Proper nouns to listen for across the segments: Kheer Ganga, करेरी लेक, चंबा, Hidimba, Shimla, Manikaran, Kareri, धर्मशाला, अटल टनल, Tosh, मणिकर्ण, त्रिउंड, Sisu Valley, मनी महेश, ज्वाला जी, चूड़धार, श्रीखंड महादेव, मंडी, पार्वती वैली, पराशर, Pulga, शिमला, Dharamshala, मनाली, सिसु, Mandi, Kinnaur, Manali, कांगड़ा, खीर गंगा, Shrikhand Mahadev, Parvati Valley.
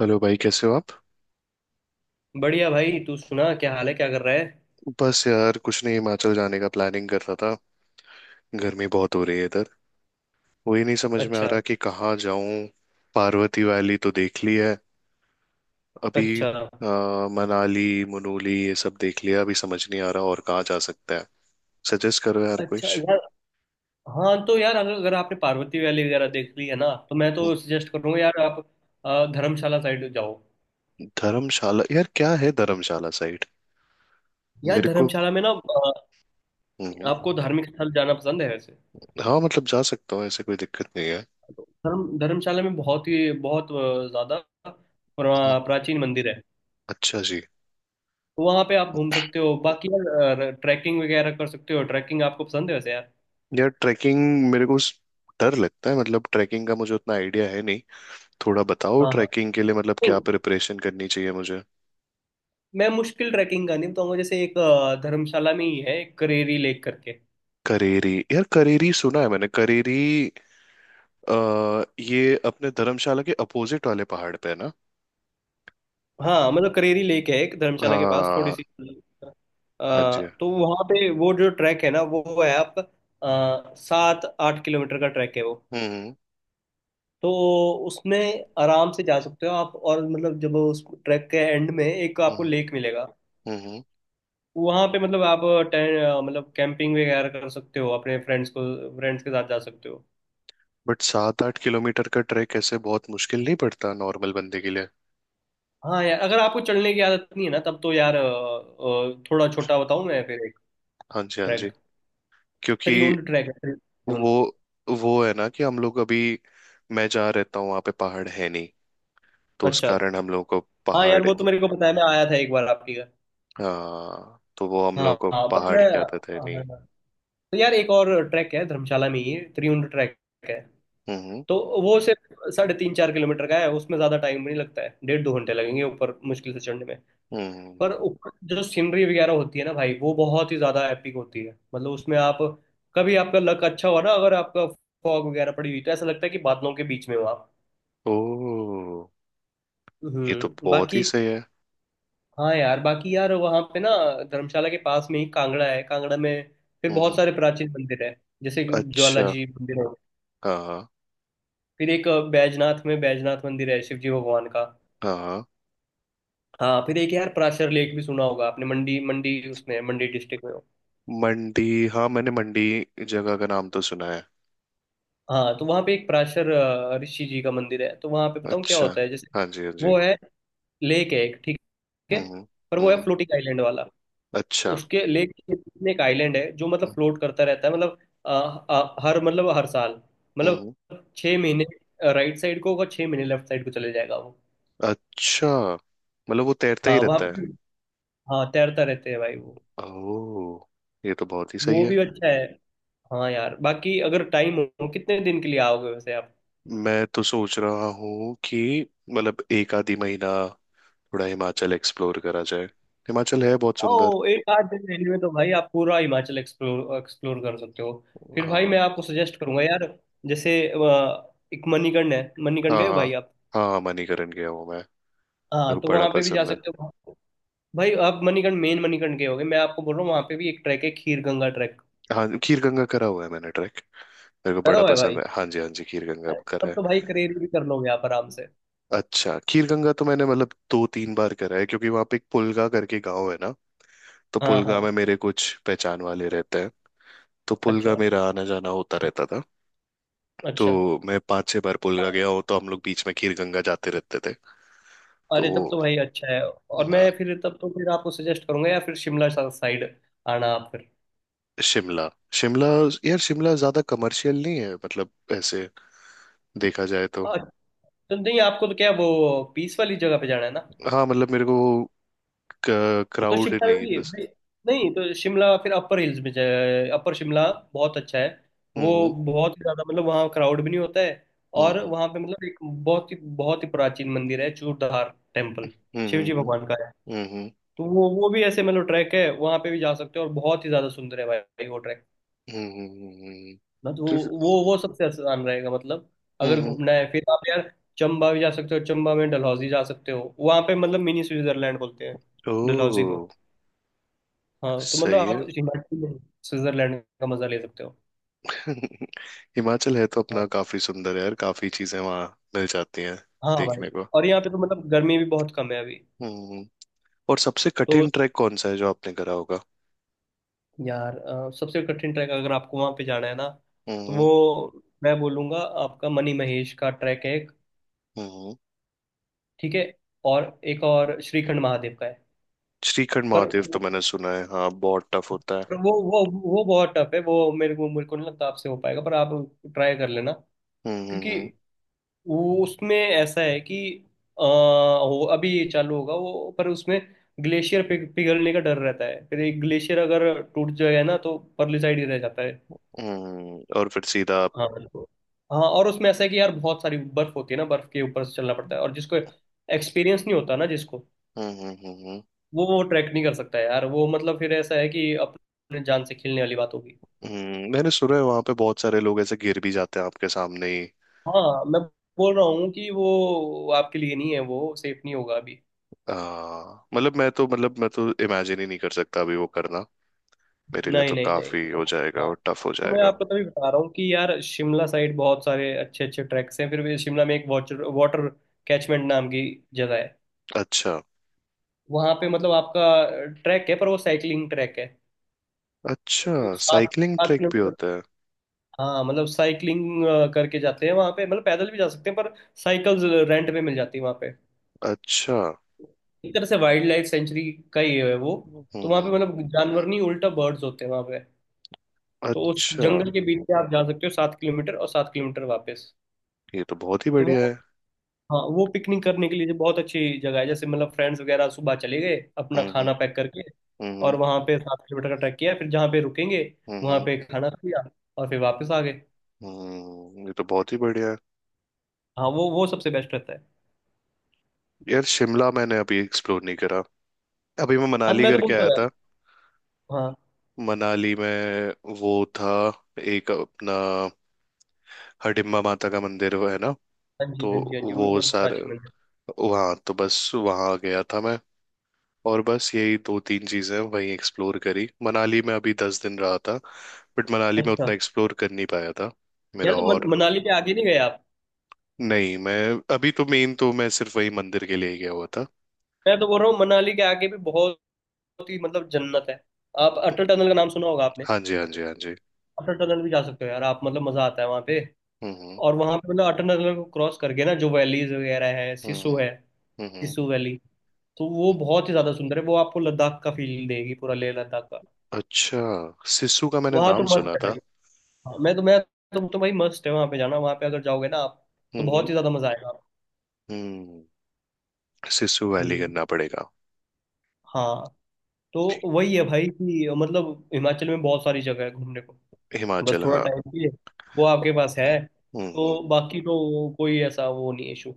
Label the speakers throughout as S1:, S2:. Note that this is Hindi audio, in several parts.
S1: हेलो भाई, कैसे हो आप।
S2: बढ़िया भाई। तू सुना, क्या हाल है? क्या कर रहा है?
S1: बस यार कुछ नहीं, हिमाचल जाने का प्लानिंग कर रहा था। गर्मी बहुत हो रही है इधर। वही नहीं समझ में आ
S2: अच्छा।
S1: रहा कि कहाँ जाऊं। पार्वती वैली तो देख ली है। अभी
S2: अच्छा।
S1: मनाली मनाली ये सब देख लिया। अभी समझ नहीं आ रहा और कहाँ जा सकता है। सजेस्ट करो यार
S2: अच्छा
S1: कुछ।
S2: यार। हाँ तो यार, अगर अगर आपने पार्वती वैली वगैरह देख ली है ना, तो मैं
S1: हम्म।
S2: तो सजेस्ट करूंगा यार आप धर्मशाला साइड जाओ।
S1: धर्मशाला यार, क्या है धर्मशाला साइड।
S2: यार
S1: मेरे को।
S2: धर्मशाला में ना,
S1: हम्म।
S2: आपको धार्मिक स्थल जाना पसंद है वैसे?
S1: हाँ मतलब जा सकता हूँ, ऐसे कोई दिक्कत नहीं है।
S2: धर्मशाला में बहुत ही बहुत ज्यादा
S1: हम्म।
S2: प्राचीन मंदिर है।
S1: अच्छा जी।
S2: तो वहाँ पे आप घूम सकते हो। बाकी यार, ट्रैकिंग वगैरह कर सकते हो। ट्रैकिंग आपको पसंद है वैसे यार?
S1: यार ट्रैकिंग, मेरे को डर लगता है। मतलब ट्रैकिंग का मुझे उतना आइडिया है नहीं। थोड़ा बताओ
S2: हाँ। हाँ,
S1: ट्रैकिंग के लिए मतलब क्या प्रिपरेशन करनी चाहिए मुझे।
S2: मैं मुश्किल ट्रैकिंग का नहीं बताऊंगा। जैसे एक धर्मशाला में ही है, एक करेरी लेक करके।
S1: करेरी, यार करेरी सुना है मैंने करेरी। ये अपने धर्मशाला के अपोजिट वाले पहाड़ पे है ना।
S2: हाँ, मतलब करेरी लेक है एक धर्मशाला के पास थोड़ी
S1: हाँ।
S2: सी।
S1: हाँ जी।
S2: तो वहाँ पे वो जो ट्रैक है ना, वो है आपका 7-8 किलोमीटर का ट्रैक है वो।
S1: हम्म।
S2: तो उसमें आराम से जा सकते हो आप। और मतलब जब उस ट्रैक के एंड में एक आपको
S1: हम्म।
S2: लेक मिलेगा,
S1: हम्म।
S2: वहाँ पे मतलब आप मतलब कैंपिंग वगैरह कर सकते हो। अपने फ्रेंड्स को फ्रेंड्स के साथ जा सकते हो।
S1: बट सात आठ किलोमीटर का ट्रैक ऐसे बहुत मुश्किल नहीं पड़ता नॉर्मल बंदे के लिए।
S2: हाँ यार, अगर आपको चढ़ने की आदत नहीं है ना, तब तो यार थोड़ा छोटा बताऊं मैं फिर एक
S1: हाँ जी, हाँ जी।
S2: ट्रैक।
S1: क्योंकि
S2: त्रिउंड ट्रैक है,
S1: वो
S2: त्रिउंड।
S1: वो है ना कि हम लोग अभी, मैं जहाँ रहता हूँ वहाँ पे पहाड़ है नहीं। तो उस
S2: अच्छा।
S1: कारण हम लोगों को
S2: हाँ यार,
S1: पहाड़।
S2: वो तो मेरे को पता है, मैं आया था एक बार आपके घर।
S1: हाँ तो वो हम
S2: हाँ।
S1: लोगों को
S2: हाँ, पर
S1: पहाड़
S2: मैं,
S1: की आदत है नहीं।
S2: हाँ, तो यार एक और ट्रैक है धर्मशाला में ही, त्रिउंड ट्रैक है।
S1: हम्म।
S2: तो वो सिर्फ 3.5-4 किलोमीटर का है। उसमें ज्यादा टाइम नहीं लगता है, 1.5-2 घंटे लगेंगे ऊपर मुश्किल से चढ़ने में।
S1: हम्म।
S2: पर ऊपर जो सीनरी वगैरह होती है ना भाई, वो बहुत ही ज्यादा एपिक होती है। मतलब उसमें आप, कभी आपका लक अच्छा हुआ ना, अगर आपका फॉग वगैरह पड़ी हुई, तो ऐसा लगता है कि बादलों के बीच में हो आप।
S1: ओ, ये तो बहुत ही
S2: बाकी,
S1: सही है।
S2: हाँ यार, बाकी यार वहाँ पे ना, धर्मशाला के पास में ही कांगड़ा है। कांगड़ा में फिर बहुत
S1: हम्म।
S2: सारे प्राचीन मंदिर है। जैसे कि ज्वाला
S1: अच्छा।
S2: जी मंदिर है।
S1: हाँ।
S2: फिर एक बैजनाथ में बैजनाथ मंदिर है शिव जी भगवान का।
S1: हाँ।
S2: हाँ। फिर एक यार, प्राचर लेक भी सुना होगा आपने। मंडी मंडी उसमें है, मंडी डिस्ट्रिक्ट में।
S1: मंडी, हाँ मैंने मंडी जगह का नाम तो सुना है।
S2: हाँ। तो वहाँ पे एक पराशर ऋषि जी का मंदिर है। तो वहाँ पे बताऊँ क्या
S1: अच्छा।
S2: होता है। जैसे
S1: हाँ जी, हाँ जी।
S2: वो है, लेक है एक, ठीक है?
S1: हम्म।
S2: पर वो है
S1: हम्म।
S2: फ्लोटिंग आइलैंड वाला।
S1: अच्छा।
S2: उसके लेक के बीच में एक आइलैंड है जो मतलब फ्लोट करता रहता है। मतलब अ, हर साल मतलब
S1: हम्म।
S2: 6 महीने राइट साइड को होगा, 6 महीने लेफ्ट साइड को चले जाएगा वो।
S1: अच्छा, मतलब वो तैरता ही
S2: हाँ वहाँ
S1: रहता है।
S2: पे। हाँ, तैरता रहते हैं भाई वो।
S1: ओह, ये तो बहुत ही सही
S2: वो
S1: है।
S2: भी अच्छा है। हाँ यार, बाकी अगर टाइम हो, कितने दिन के लिए आओगे वैसे आप?
S1: मैं तो सोच रहा हूँ कि मतलब एक आधी महीना थोड़ा हिमाचल एक्सप्लोर करा जाए। हिमाचल है बहुत सुंदर।
S2: ओ, एक आध दिन रहने में Anyway, तो भाई आप पूरा हिमाचल एक्सप्लोर एक्सप्लोर कर सकते हो। फिर भाई
S1: हाँ।
S2: मैं आपको सजेस्ट करूंगा यार। जैसे एक मणिकर्ण है,
S1: हाँ
S2: मणिकर्ण गए हो
S1: हाँ,
S2: भाई आप?
S1: हाँ हाँ, मणिकरण गया हूँ मैं। मेरे को
S2: हाँ, तो
S1: बड़ा
S2: वहां पे भी जा
S1: पसंद है।
S2: सकते हो। भाई आप मणिकर्ण, मेन मणिकर्ण गए होगे, मैं आपको बोल रहा हूँ वहां पे भी एक ट्रैक है, खीर गंगा ट्रैक।
S1: हाँ खीर गंगा करा हुआ है मैंने ट्रैक। मेरे को
S2: करा
S1: बड़ा
S2: हुआ है
S1: पसंद
S2: भाई?
S1: है, हाँ जी हाँ जी, खीर गंगा
S2: अरे,
S1: करा
S2: तब
S1: है।
S2: तो भाई करेरी भी कर लोगे आप आराम से।
S1: अच्छा, खीर गंगा तो मैंने मतलब दो तीन बार करा है क्योंकि वहाँ पे एक पुलगा करके गाँव है ना। तो
S2: हाँ।
S1: पुलगा
S2: हाँ।
S1: में मेरे कुछ पहचान वाले रहते हैं। तो पुलगा
S2: अच्छा।
S1: मेरा आना जाना होता रहता था। तो
S2: अच्छा।
S1: मैं पांच छह बार पुलगा गया हूँ, तो हम लोग बीच में खीर गंगा जाते रहते थे। तो
S2: अरे, तब
S1: वो।
S2: तो भाई अच्छा है। और
S1: हाँ।
S2: मैं फिर, तब तो फिर आपको सजेस्ट करूंगा, या फिर शिमला साइड आना आप
S1: शिमला। शिमला, यार शिमला ज्यादा कमर्शियल नहीं है मतलब, ऐसे देखा जाए तो।
S2: फिर। तो नहीं आपको तो क्या, वो पीस वाली जगह पे जाना है ना?
S1: हाँ मतलब मेरे को वो
S2: तो
S1: क्राउड
S2: शिमला में
S1: नहीं
S2: भी है।
S1: बस।
S2: नहीं तो शिमला फिर अपर हिल्स में जाए, अपर शिमला बहुत अच्छा है। वो
S1: हम्म।
S2: बहुत ही ज्यादा, मतलब वहाँ क्राउड भी नहीं होता है। और
S1: हम्म।
S2: वहाँ पे मतलब एक बहुत ही प्राचीन मंदिर है, चूड़धार टेम्पल, शिव जी
S1: हम्म।
S2: भगवान का है।
S1: हम्म।
S2: तो वो भी ऐसे मतलब ट्रैक है, वहाँ पे भी जा सकते हो। और बहुत ही ज्यादा सुंदर है भाई वो ट्रैक
S1: हम्म।
S2: ना। तो वो सबसे अच्छा आसान रहेगा मतलब। अगर
S1: हम्म।
S2: घूमना है फिर आप यार, चंबा भी जा सकते हो। चंबा में डलहौजी जा सकते हो, वहाँ पे मतलब मिनी स्विट्जरलैंड बोलते हैं डलहौजी को।
S1: ओ।
S2: हाँ, तो मतलब
S1: सही है।
S2: आप हिमाचल में स्विट्जरलैंड का मजा ले सकते हो।
S1: हिमाचल है तो
S2: हाँ।
S1: अपना काफी सुंदर है यार, काफी चीजें वहाँ मिल जाती हैं
S2: हाँ
S1: देखने
S2: भाई।
S1: को।
S2: और यहाँ पे तो मतलब गर्मी भी बहुत कम है अभी।
S1: हम्म। और सबसे
S2: तो
S1: कठिन ट्रैक कौन सा है जो आपने करा होगा।
S2: यार सबसे कठिन ट्रैक अगर आपको वहाँ पे जाना है ना, तो
S1: हम्म।
S2: वो मैं बोलूँगा आपका मनी महेश का ट्रैक है एक।
S1: हम्म।
S2: ठीक है? और एक और श्रीखंड महादेव का है।
S1: श्रीखंड
S2: पर
S1: महादेव तो मैंने सुना है, हाँ बहुत टफ होता है।
S2: पर वो बहुत टफ है। वो मेरे को नहीं लगता आपसे हो पाएगा, पर आप ट्राई कर लेना। क्योंकि
S1: हम्म।
S2: वो, उसमें ऐसा है कि वो अभी ये चालू होगा वो, पर उसमें ग्लेशियर पिघलने का डर रहता है। फिर एक ग्लेशियर अगर टूट जाएगा ना, तो परली साइड ही रह जाता है।
S1: और फिर सीधा आप।
S2: हाँ बिल्कुल। हाँ, और उसमें ऐसा है कि यार, बहुत सारी बर्फ होती है ना, बर्फ के ऊपर से चलना पड़ता है। और जिसको एक्सपीरियंस नहीं होता ना, जिसको,
S1: हम्म।
S2: वो ट्रैक नहीं कर सकता है यार वो। मतलब फिर ऐसा है कि अपने जान से खेलने वाली बात होगी।
S1: मैंने सुना है वहां पे बहुत सारे लोग ऐसे गिर भी जाते हैं आपके सामने ही।
S2: हाँ, मैं बोल रहा हूँ कि वो आपके लिए नहीं है, वो सेफ नहीं होगा अभी।
S1: आ, मतलब मैं तो इमेजिन ही नहीं कर सकता अभी वो करना। मेरे लिए
S2: नहीं
S1: तो
S2: नहीं नहीं,
S1: काफी हो जाएगा
S2: हाँ,
S1: और टफ हो
S2: तो मैं
S1: जाएगा।
S2: आपको तभी बता रहा हूँ कि यार, शिमला साइड बहुत सारे अच्छे अच्छे ट्रैक्स हैं। फिर भी शिमला में एक वाटर वाटर कैचमेंट नाम की जगह है।
S1: अच्छा।
S2: वहाँ पे मतलब आपका ट्रैक है, पर वो साइकिलिंग ट्रैक है।
S1: अच्छा,
S2: वो सात
S1: साइकिलिंग
S2: सात
S1: ट्रैक भी
S2: किलोमीटर।
S1: होता है।
S2: हाँ, मतलब साइकिलिंग करके जाते हैं वहाँ पे। मतलब पैदल भी जा सकते हैं, पर साइकिल्स रेंट पे मिल जाती है वहाँ पे।
S1: अच्छा।
S2: एक तरह से वाइल्ड लाइफ सेंचुरी का ही है वो। तो वहां पे
S1: हम्म।
S2: मतलब जानवर नहीं, उल्टा बर्ड्स होते हैं वहां पे। तो उस
S1: अच्छा।
S2: जंगल के बीच से आप जा सकते हो, 7 किलोमीटर और 7 किलोमीटर वापस।
S1: ये तो बहुत ही
S2: तो
S1: बढ़िया
S2: वो,
S1: है।
S2: हाँ, वो पिकनिक करने के लिए जो बहुत अच्छी जगह है। जैसे मतलब फ्रेंड्स वगैरह सुबह चले गए अपना
S1: हम्म
S2: खाना पैक करके, और
S1: हम्म।
S2: वहां पे 7 किलोमीटर का ट्रैक किया, फिर जहाँ पे रुकेंगे वहां
S1: हम्म।
S2: पे खाना खाया और फिर वापस आ गए।
S1: ये तो बहुत ही बढ़िया है।
S2: हाँ, वो सबसे बेस्ट रहता है।
S1: यार शिमला मैंने अभी एक्सप्लोर नहीं करा। अभी मैं
S2: हाँ तो
S1: मनाली
S2: मैं तो
S1: करके
S2: बोलता
S1: आया
S2: हूँ यार।
S1: था।
S2: हाँ।
S1: मनाली में वो था, एक अपना हडिम्बा माता का मंदिर वो है ना।
S2: हाँ जी
S1: तो
S2: हाँ जी हाँ जी, वो भी
S1: वो
S2: बहुत
S1: सारे,
S2: प्राचीन मंदिर
S1: वहाँ तो बस वहाँ गया था मैं, और बस यही दो तीन चीजें वहीं एक्सप्लोर करी। मनाली में अभी दस दिन रहा था बट मनाली
S2: है।
S1: में
S2: अच्छा।
S1: उतना एक्सप्लोर कर नहीं पाया था
S2: यार
S1: मेरा
S2: तो
S1: और।
S2: मनाली पे आगे नहीं गए आप?
S1: नहीं मैं, अभी तो मेन तो मैं सिर्फ वही मंदिर के लिए ही गया हुआ था।
S2: मैं तो बोल रहा हूँ मनाली के आगे भी बहुत ही मतलब जन्नत है। आप अटल टनल का नाम सुना होगा आपने?
S1: हाँ जी, हाँ जी, हाँ जी।
S2: अटल टनल भी जा सकते हो यार आप, मतलब मजा आता है वहां पे।
S1: हम्म।
S2: और वहां पे मतलब अटल टनल को क्रॉस करके ना, जो वैलीज वगैरह है,
S1: हम्म
S2: सिसु है,
S1: हम्म। हम्म।
S2: सिसु वैली, तो वो
S1: हम्म।
S2: बहुत ही ज्यादा सुंदर है। वो आपको लद्दाख का फील देगी, पूरा लेह लद्दाख का।
S1: अच्छा। सिसु का मैंने
S2: वहां तो
S1: नाम
S2: मस्त
S1: सुना
S2: है
S1: था।
S2: भाई। हाँ, तो भाई मस्त है वहां पे जाना, वहां पे अगर जाओगे ना आप, तो
S1: हम्म।
S2: बहुत ही ज्यादा मजा आएगा।
S1: हम्म। सिसु वैली
S2: हम्म
S1: करना पड़ेगा।
S2: हाँ, तो वही है भाई कि मतलब हिमाचल में बहुत सारी जगह है घूमने को, बस
S1: हिमाचल,
S2: थोड़ा
S1: हाँ।
S2: टाइम चाहिए, वो आपके पास है।
S1: हम्म।
S2: तो बाकी तो कोई ऐसा वो नहीं इशू।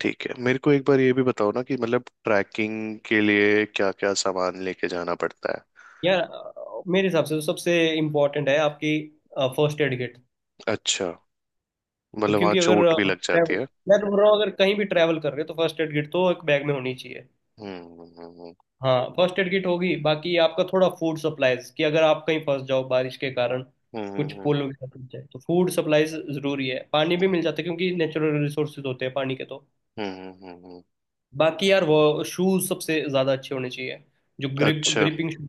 S1: ठीक है, मेरे को एक बार ये भी बताओ ना कि मतलब ट्रैकिंग के लिए क्या क्या सामान लेके जाना पड़ता है।
S2: यार मेरे हिसाब से तो सबसे इम्पोर्टेंट है आपकी फर्स्ट एड किट।
S1: अच्छा,
S2: तो
S1: मतलब वहाँ
S2: क्योंकि अगर
S1: चोट भी लग जाती है।
S2: मैं तो बोल रहा हूँ अगर कहीं भी ट्रैवल कर रहे हो तो फर्स्ट एड किट तो एक बैग में होनी चाहिए।
S1: हम्म।
S2: हाँ, फर्स्ट एड किट होगी। बाकी आपका थोड़ा फूड सप्लाईज, कि अगर आप कहीं फंस जाओ बारिश के कारण, कुछ
S1: हम्म।
S2: पुल वगैरह टूट जाए, तो फूड सप्लाईज जरूरी है। पानी भी मिल जाता है क्योंकि नेचुरल रिसोर्सेज होते हैं पानी के तो।
S1: हम्म।
S2: बाकी यार वो शूज सबसे ज्यादा अच्छे होने चाहिए, जो ग्रिप
S1: अच्छा।
S2: Gripping shoes.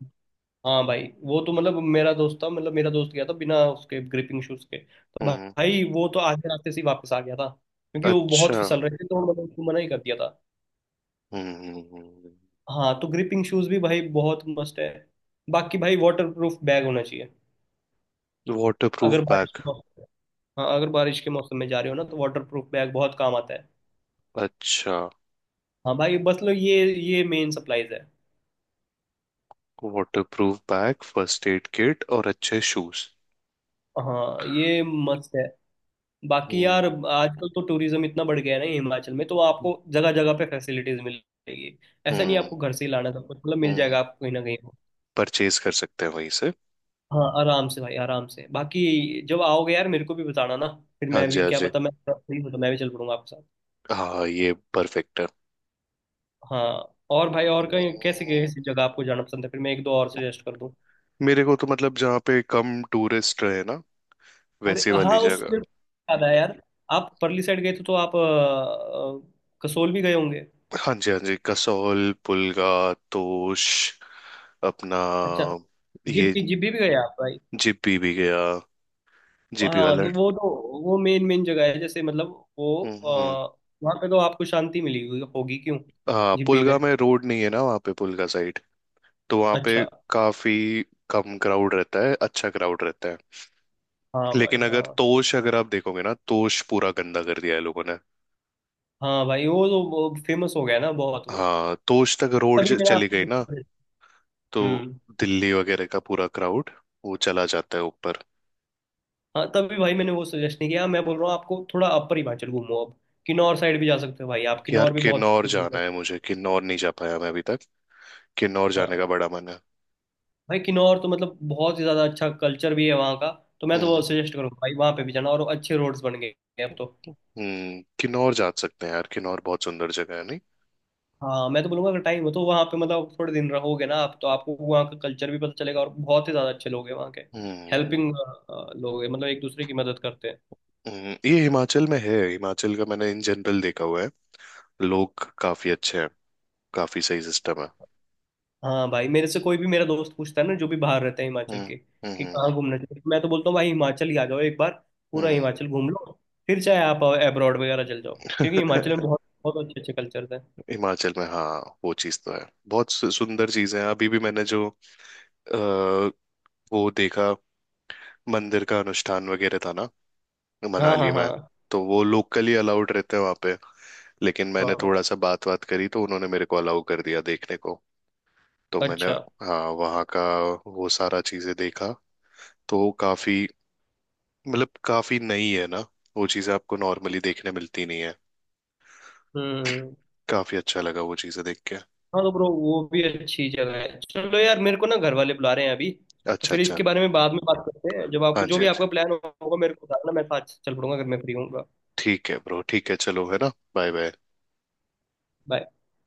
S2: हाँ भाई, वो तो मतलब मेरा दोस्त था, मतलब मेरा दोस्त गया था बिना उसके ग्रिपिंग शूज के, तो
S1: हम्म।
S2: भाई वो तो आधे रास्ते से ही वापस आ गया था क्योंकि वो बहुत
S1: अच्छा।
S2: फिसल रहे थे, तो उन्होंने उसको मना ही कर दिया था।
S1: हम्म।
S2: हाँ तो ग्रिपिंग शूज भी भाई बहुत मस्त है। बाकी भाई वाटर प्रूफ बैग होना चाहिए
S1: वाटरप्रूफ
S2: अगर बारिश
S1: बैग।
S2: के मौसम। हाँ, अगर बारिश के मौसम में जा रहे हो ना, तो वाटर प्रूफ बैग बहुत काम आता है।
S1: अच्छा।
S2: हाँ भाई, बस लो ये मेन सप्लाईज है।
S1: Waterproof bag, first aid kit और अच्छे शूज।
S2: हाँ ये मस्त है। बाकी यार,
S1: हम्म।
S2: आजकल तो टूरिज्म इतना बढ़ गया है ना हिमाचल में, तो आपको जगह जगह पे फैसिलिटीज मिल जाएगी। ऐसा नहीं
S1: हम्म।
S2: आपको घर से ही लाना सब कुछ, मतलब मिल
S1: हम्म,
S2: जाएगा आपको कहीं ना कहीं।
S1: परचेज कर सकते हैं वहीं से।
S2: हाँ आराम से भाई, आराम से। बाकी जब आओगे यार मेरे को भी बताना ना, फिर
S1: हाँ
S2: मैं
S1: जी,
S2: भी,
S1: हाँ
S2: क्या
S1: जी।
S2: पता मैं फ्री हो तो मैं भी चल पड़ूंगा आपके साथ।
S1: हाँ, ये परफेक्ट है।
S2: हाँ, और भाई, और कहीं कैसे कैसी
S1: हम्म,
S2: जगह आपको जाना पसंद है, फिर मैं एक दो और सजेस्ट कर दूँ।
S1: मेरे को तो मतलब जहाँ पे कम टूरिस्ट रहे ना,
S2: अरे
S1: वैसी वाली
S2: हाँ, उस,
S1: जगह।
S2: मेरे को याद आया यार। आप परली साइड गए थे, तो आप कसोल भी गए होंगे।
S1: हाँ जी, हाँ जी, कसौल, पुलगा, तोश, अपना
S2: अच्छा, जिप
S1: ये।
S2: भी जिप भी, भी गए आप भाई?
S1: जिप्पी भी गया, जिप्पी
S2: हाँ
S1: वाला।
S2: तो वो तो, वो मेन मेन जगह है। जैसे मतलब वो
S1: हम्म हम्म।
S2: वहाँ पे तो आपको शांति मिली हुई होगी क्यों,
S1: हाँ
S2: जिब्बी
S1: पुलगा
S2: में?
S1: में रोड नहीं है ना वहाँ पे पुलगा साइड। तो वहाँ पे
S2: अच्छा।
S1: काफी कम क्राउड रहता है, अच्छा क्राउड रहता है।
S2: हाँ भाई।
S1: लेकिन अगर
S2: हाँ।
S1: तोश, अगर आप देखोगे ना, तोश पूरा गंदा कर दिया है लोगों ने।
S2: हाँ भाई, वो तो वो फेमस हो गया ना बहुत वो।
S1: हाँ तोश तक रोड
S2: तभी मैंने
S1: चली
S2: आपको
S1: गई
S2: वो
S1: ना। तो
S2: हम्म।
S1: दिल्ली वगैरह का पूरा क्राउड वो चला जाता है ऊपर।
S2: हाँ, तभी भाई मैंने वो सजेस्ट नहीं किया। मैं बोल रहा हूँ आपको, थोड़ा अपर हिमाचल घूमो अब। किन्नौर साइड भी जा सकते हो भाई आप,
S1: कि यार
S2: किन्नौर भी बहुत
S1: किन्नौर
S2: खूबसूरत
S1: जाना है मुझे, किन्नौर नहीं जा पाया मैं अभी तक। किन्नौर जाने का
S2: हाँ
S1: बड़ा मन है।
S2: भाई, किन्नौर तो मतलब बहुत ही ज़्यादा अच्छा कल्चर भी है वहाँ का। तो मैं तो वो
S1: हम्म।
S2: सजेस्ट करूँगा भाई वहाँ पे भी जाना। और अच्छे रोड्स बन गए हैं अब तो।
S1: हम्म, किन्नौर जा सकते हैं यार, किन्नौर बहुत सुंदर जगह है नहीं।
S2: हाँ, मैं तो बोलूंगा, अगर टाइम हो तो वहाँ पे मतलब थोड़े दिन रहोगे ना आप, तो आपको वहाँ का कल्चर भी पता चलेगा। और बहुत ही ज़्यादा अच्छे लोग हैं वहाँ के,
S1: हम्म।
S2: हेल्पिंग लोग हैं, मतलब एक दूसरे की मदद करते हैं।
S1: ये हिमाचल में है, हिमाचल का मैंने इन जनरल देखा हुआ है। लोग काफी अच्छे हैं। काफी सही सिस्टम है।
S2: हाँ भाई, मेरे से कोई भी मेरा दोस्त पूछता है ना जो भी बाहर रहते हैं हिमाचल
S1: हम्म।
S2: के, कि कहाँ
S1: हम्म।
S2: घूमना चाहिए, तो मैं तो बोलता हूँ भाई हिमाचल ही आ जाओ एक बार, पूरा
S1: हम्म।
S2: हिमाचल घूम लो। फिर चाहे आप अब्रॉड वगैरह चल जाओ, क्योंकि हिमाचल में बहुत बहुत अच्छे अच्छे कल्चर हैं।
S1: हिमाचल में हाँ वो चीज तो है। बहुत सुंदर चीजें हैं। अभी भी मैंने जो अ, वो देखा, मंदिर का अनुष्ठान वगैरह था ना
S2: हाँ।
S1: मनाली
S2: हाँ।
S1: में।
S2: हाँ।
S1: तो वो लोकली अलाउड रहते हैं वहां पे, लेकिन मैंने
S2: हाँ।
S1: थोड़ा सा बात बात करी तो उन्होंने मेरे को अलाउ कर दिया देखने को। तो मैंने,
S2: अच्छा।
S1: हाँ वहाँ का वो सारा चीजें देखा। तो वो काफी, मतलब काफी नई है ना, वो चीजें आपको नॉर्मली देखने मिलती नहीं है।
S2: हम्म
S1: काफी अच्छा लगा वो चीजें देख के।
S2: हाँ, तो ब्रो, वो भी अच्छी जगह है। चलो यार, मेरे को ना घर वाले बुला रहे हैं अभी। तो
S1: अच्छा,
S2: फिर
S1: अच्छा।
S2: इसके बारे में बाद में बात करते हैं। जब
S1: हाँ
S2: आपको, जो
S1: जी,
S2: भी
S1: हाँ जी,
S2: आपका प्लान होगा मेरे को बताना, मैं साथ चल पड़ूंगा अगर मैं फ्री होऊंगा।
S1: ठीक है ब्रो, ठीक है चलो, है ना, बाय बाय।
S2: बाय।